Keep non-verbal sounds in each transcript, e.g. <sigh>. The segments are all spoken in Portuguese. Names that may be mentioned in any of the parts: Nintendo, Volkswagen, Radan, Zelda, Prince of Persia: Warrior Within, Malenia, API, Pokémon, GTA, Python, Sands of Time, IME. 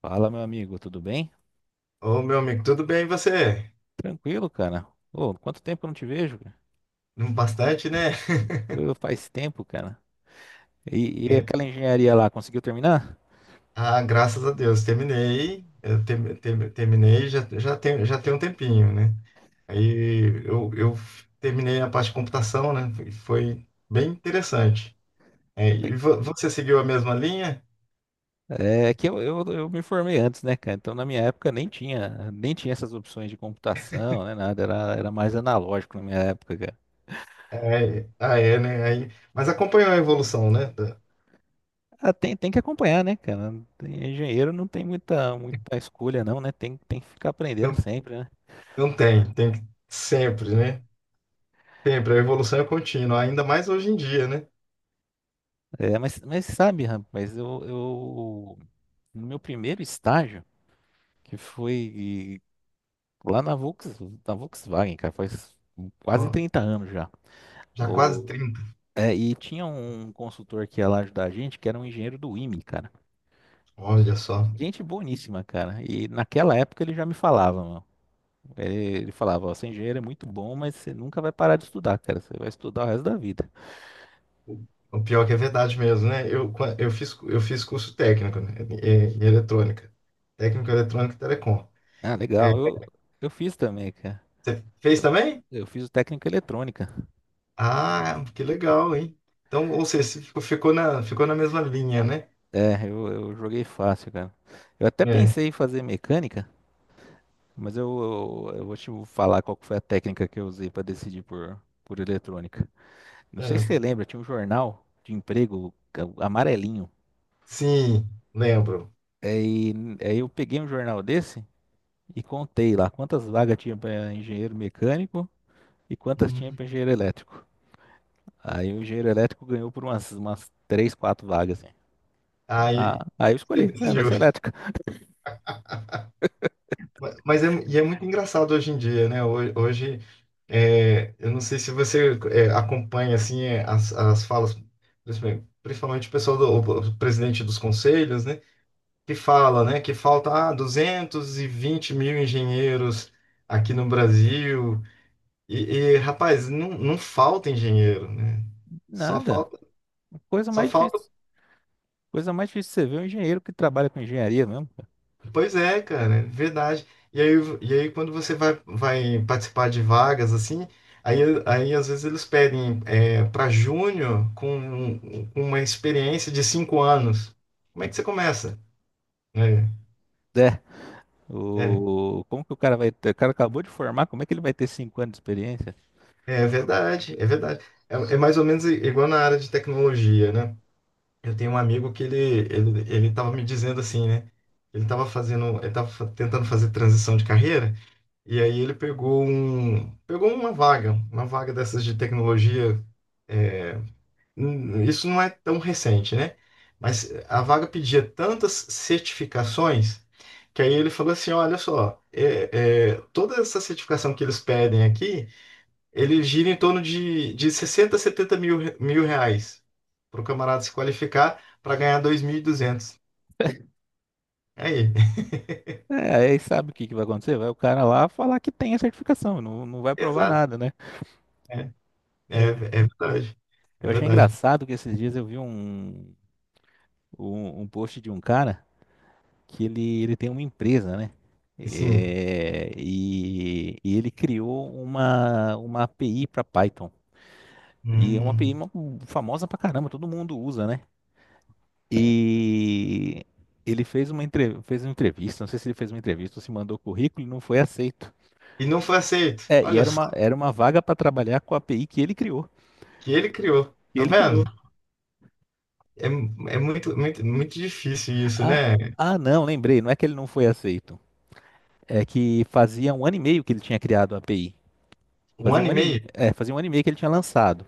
Fala, meu amigo, tudo bem? Ô, meu amigo, tudo bem e você? Tranquilo, cara. Ô, quanto tempo eu não te vejo, cara? Não, bastante, né? Ô, faz tempo, cara. E É, aquela engenharia lá, conseguiu terminar? ah, graças a Deus, terminei. Eu terminei já tem um tempinho, né? Aí eu terminei a parte de computação, né? Foi bem interessante. É, e você seguiu a mesma linha? É que eu me formei antes, né, cara? Então, na minha época, nem tinha essas opções de computação, né, nada. Era mais analógico na minha época, cara. É, ah, é, né? Aí, mas acompanhou a evolução, né? Ah, tem que acompanhar, né, cara? Engenheiro não tem muita escolha, não, né? Tem que ficar aprendendo Não, sempre, né? Sempre, né? Sempre, a evolução é contínua, ainda mais hoje em dia, né? É, mas sabe, rapaz, no meu primeiro estágio, que foi lá na Volkswagen, cara, faz quase Ó, trinta anos já. já quase O- 30. e tinha um consultor que ia lá ajudar a gente, que era um engenheiro do IME, cara. Ge- Olha só. Gente boníssima, cara. E naquela época ele já me falava, mano. Ele falava, ó, ser engenheiro é muito bom, mas você nunca vai parar de estudar, cara. Você vai estudar o resto da vida. O pior que é verdade mesmo, né? Eu fiz curso técnico, né? Em eletrônica. Técnico eletrônico e telecom. Ah, É, legal. Eu fiz também, cara. você fez Eu, também? eu fiz o técnico em eletrônica. Ah, que legal, hein? Então, ou seja, você ficou na mesma linha, né? É, eu joguei fácil, cara. Eu até É, pensei em fazer mecânica, mas eu vou te falar qual que foi a técnica que eu usei para decidir por eletrônica. Não sei se é. você lembra, tinha um jornal de emprego amarelinho. Sim, lembro. Aí, aí eu peguei um jornal desse e contei lá quantas vagas tinha para engenheiro mecânico e quantas tinha Hum. para engenheiro elétrico. Aí o engenheiro elétrico ganhou por umas 3 4 vagas, assim. Aí, Ah, aí eu você escolhi, é, vai decidiu. ser elétrica. Mas é, e é muito engraçado hoje em dia, né? Hoje, é, eu não sei se você é, acompanha assim é, as falas, principalmente o pessoal do o presidente dos conselhos, né? Que fala, né? Que falta ah, 220 mil engenheiros aqui no Brasil. E, rapaz, não falta engenheiro, né? Só Nada, falta, coisa só mais falta difícil. Coisa mais difícil você ver é um engenheiro que trabalha com engenharia mesmo. Pois é, cara, verdade. E aí, e aí quando você vai participar de vagas, assim, aí, aí às vezes eles pedem para júnior com uma experiência de 5 anos. Como é que você começa? É, É, é, como que o cara vai ter? O cara acabou de formar, como é que ele vai ter 5 anos de experiência? é verdade, é verdade. É, é mais ou menos igual na área de tecnologia, né? Eu tenho um amigo que ele estava me dizendo assim, né? Ele estava tentando fazer transição de carreira. E aí ele pegou uma vaga dessas de tecnologia. É, isso não é tão recente, né? Mas a vaga pedia tantas certificações que aí ele falou assim, olha só, é, é, toda essa certificação que eles pedem aqui, ele gira em torno de 60 70 mil, mil reais para o camarada se qualificar para ganhar 2.200. Aí, É, aí sabe o que que vai acontecer? Vai o cara lá falar que tem a certificação, não vai <laughs> provar exato, nada, né? é, é, É, é verdade, é eu achei verdade. engraçado que esses dias eu vi um post de um cara que ele tem uma empresa, né? Sim. É, e ele criou uma API para Python. E é uma API Hum. Famosa pra caramba, todo mundo usa, né? E ele fez uma entrevista, não sei se ele fez uma entrevista ou se mandou currículo e não foi aceito. E não foi aceito. É, e Olha era só, uma, era uma vaga para trabalhar com a API que ele criou. que ele criou. Que Tá ele criou. vendo? É, é muito, muito, muito difícil isso, Ah, né? Não, lembrei, não é que ele não foi aceito. É que fazia um ano e meio que ele tinha criado a API. Um ano e meio? Fazia um ano e meio que ele tinha lançado.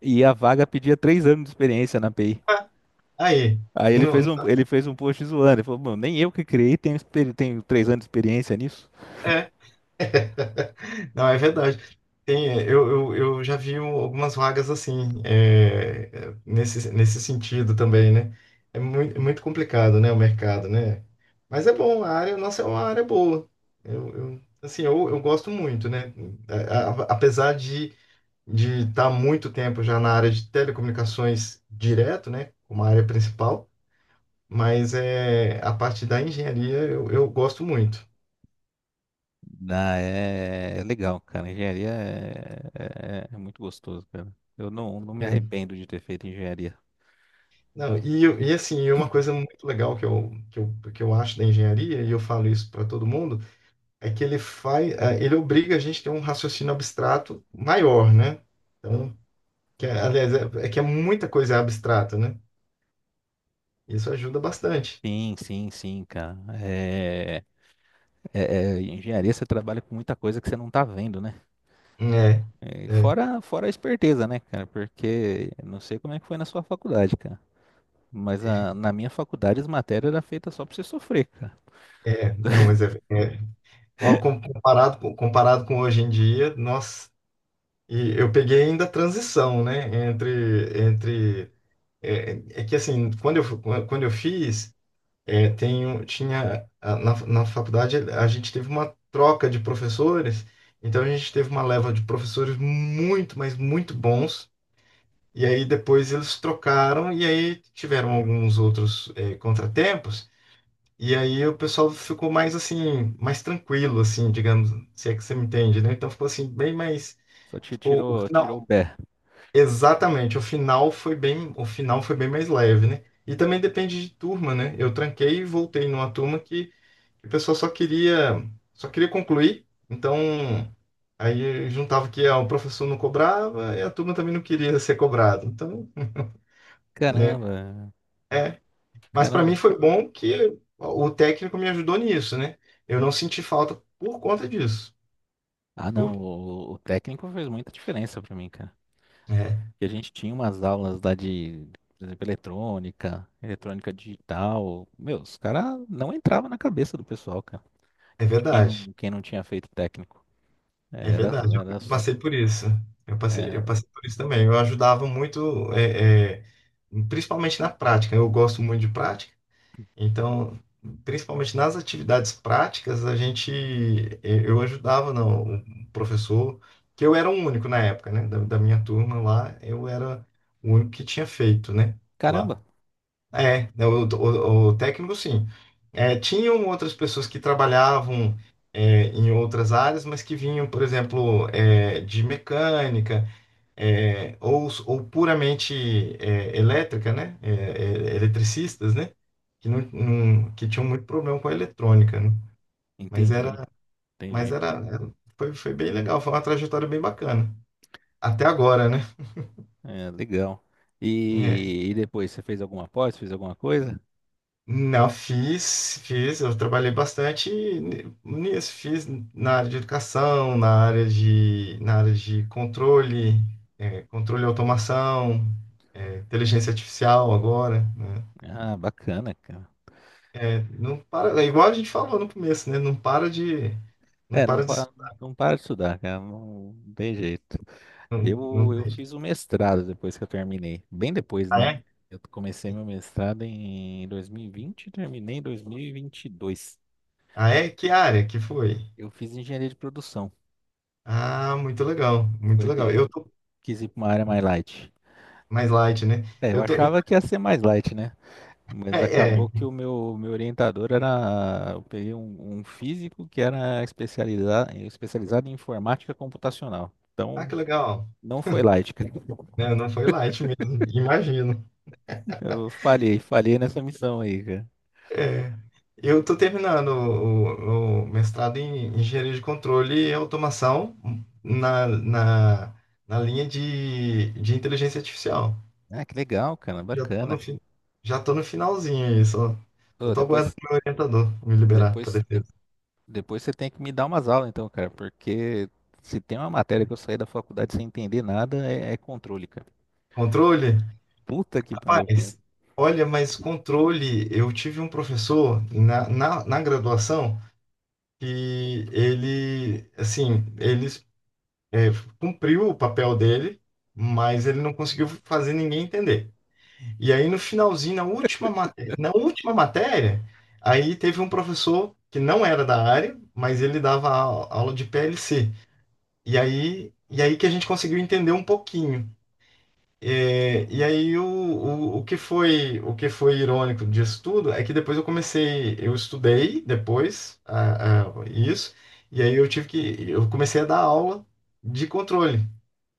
E a vaga pedia 3 anos de experiência na API. Ah, aí. Aí ele Não, fez um, ele fez um post zoando. Ele falou, "Bom, nem eu que criei tenho 3 anos de experiência nisso." é. <laughs> Não, é verdade. Tem, é, eu já vi algumas vagas assim, é, é, nesse sentido também, né? É muito, muito complicado, né, o mercado, né? Mas é bom, a área nossa é uma área boa. Eu, assim, eu gosto muito, né? Apesar de estar muito tempo já na área de telecomunicações direto, né, como a área principal, mas é a parte da engenharia eu, gosto muito. Ah, é legal, cara. Engenharia é muito gostoso, cara. Eu não me É. arrependo de ter feito engenharia. Não, e, e assim, e uma coisa muito legal que eu acho da engenharia, e eu falo isso para todo mundo, é que ele faz, ele obriga a gente a ter um raciocínio abstrato maior, né? Então, que, aliás, é, é que é muita coisa abstrata, né? Isso ajuda bastante. Sim, sim, sim, cara. É, engenharia você trabalha com muita coisa que você não tá vendo, né? É, É, é, fora a esperteza, né, cara? Porque eu não sei como é que foi na sua faculdade, cara. Mas na minha faculdade as matérias eram feitas só pra você sofrer, cara. é, não, mas é, é, Ó, comparado com hoje em dia, nós, e eu peguei ainda a transição, né? Entre é, é que assim, quando eu fiz, é, tinha na faculdade a gente teve uma troca de professores, então a gente teve uma leva de professores muito, mas muito bons. E aí depois eles trocaram e aí tiveram alguns outros é, contratempos. E aí o pessoal ficou mais assim, mais tranquilo, assim, digamos, se é que você me entende, né? Então ficou assim, bem mais. Só te Ficou o tirou o final. pé. Exatamente, o final foi bem mais leve, né? E também depende de turma, né? Eu tranquei e voltei numa turma que o pessoal só queria concluir. Então, aí juntava que ah, o professor não cobrava e a turma também não queria ser cobrada. Então, né? Caramba, É, mas para mim caramba. foi bom que o técnico me ajudou nisso, né? Eu não senti falta por conta disso. Ah, não, Por- o técnico fez muita diferença pra mim, cara. É, Que a gente tinha umas aulas lá de, por exemplo, eletrônica digital. Meu, os caras não entravam na cabeça do pessoal, cara, é de quem verdade. quem não tinha feito técnico. É Era, verdade. Eu era, eu passei por isso. Eu passei, eu é, passei por isso também. Eu ajudava muito, é, é, principalmente na prática. Eu gosto muito de prática. Então, principalmente nas atividades práticas, a gente, eu ajudava não, o professor, que eu era o único na época, né? Da minha turma lá, eu era o único que tinha feito, né? Lá. caramba, É, o, o técnico sim. É, tinham outras pessoas que trabalhavam é, em outras áreas, mas que vinham, por exemplo, é, de mecânica é, ou puramente é, elétrica, né? É, é, eletricistas, né? Que, não, não- que tinham muito problema com a eletrônica, né? Mas era, entendi, mas entendi. era, era- foi bem legal, foi uma trajetória bem bacana. Até agora, né? É, legal. É, E depois, você fez alguma pós, fez alguma coisa? não, eu trabalhei bastante nisso, fiz na área de educação, na área de controle, é, controle e automação, é, inteligência artificial agora, né? Ah, bacana, cara. É, não para, é igual a gente falou no começo, né? Não para de, não É, para de, não para de estudar, cara, não tem jeito. não, não, Eu fiz o mestrado depois que eu terminei. Bem depois, ah, né? é? Eu comecei meu mestrado em 2020 e vinte e terminei em 2022. Ah, é? Que área que foi? Eu fiz engenharia de produção. Ah, muito legal, muito Foi legal. Eu que tô quis ir para uma área mais light. mais light, né? É, eu Eu tô, achava então, que ia ser mais light, né? é, Mas acabou que é. o meu orientador era. Eu peguei um físico que era especializado em informática computacional. Ah, Então, que legal. não foi light, cara. <laughs> Não, não foi light mesmo, imagino. Eu falhei nessa missão aí, cara. É, eu estou terminando o, o mestrado em engenharia de controle e automação na, na, na linha de inteligência artificial. Ah, que legal, cara, Já estou no, bacana. Já tô no finalzinho aí, só Ô, estou aguardando meu orientador me liberar para depois, de- defesa. depois você tem que me dar umas aulas, então, cara, porque se tem uma matéria que eu saí da faculdade sem entender nada, é controle, cara. Controle? Puta que pariu, cara. Rapaz, olha, mas controle, eu tive um professor na graduação que ele, assim, é, cumpriu o papel dele, mas ele não conseguiu fazer ninguém entender. E aí no finalzinho, na última matéria, aí teve um professor que não era da área, mas ele dava aula de PLC. E aí que a gente conseguiu entender um pouquinho. É, e aí o que foi irônico disso tudo é que depois eu comecei, eu estudei depois ah, isso, e aí eu tive que, eu comecei a dar aula de controle.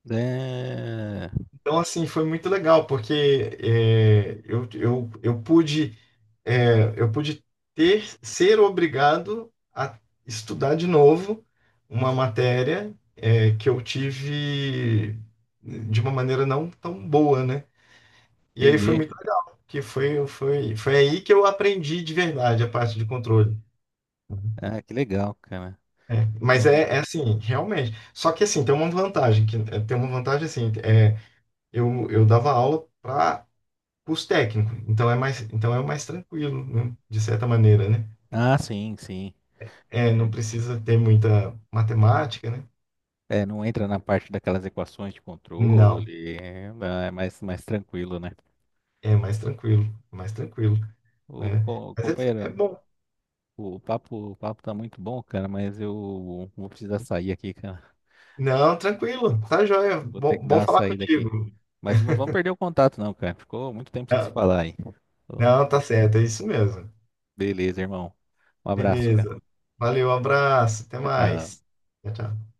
É, Então, assim, foi muito legal, porque é, eu pude ter, ser obrigado a estudar de novo uma matéria, é, que eu tive de uma maneira não tão boa, né? E aí foi entendi. muito legal, que foi aí que eu aprendi de verdade a parte de controle. Ah, que legal, cara. É, mas Então- é, é assim, realmente. Só que assim, tem uma vantagem, que é, tem uma vantagem assim, é, eu dava aula para curso técnico. Então é mais tranquilo, né? De certa maneira, né? Ah, sim, sim. É, não precisa ter muita matemática, né? É, não entra na parte daquelas equações de Não, controle, é mais, mais tranquilo, né? é mais tranquilo, Ô, né? Mas é, é companheiro, bom. o papo tá muito bom, cara, mas eu vou precisar sair aqui, cara. Não, tranquilo, tá joia. Vou ter Bom, que dar bom uma falar saída aqui. contigo. Mas não vamos perder o contato, não, cara. Ficou muito tempo sem se Não, falar aí. Então. não, tá certo, é isso mesmo. Beleza, irmão. Um abraço, cara. Beleza. Valeu, abraço, até Tchau, mais. tchau. Tchau, tchau.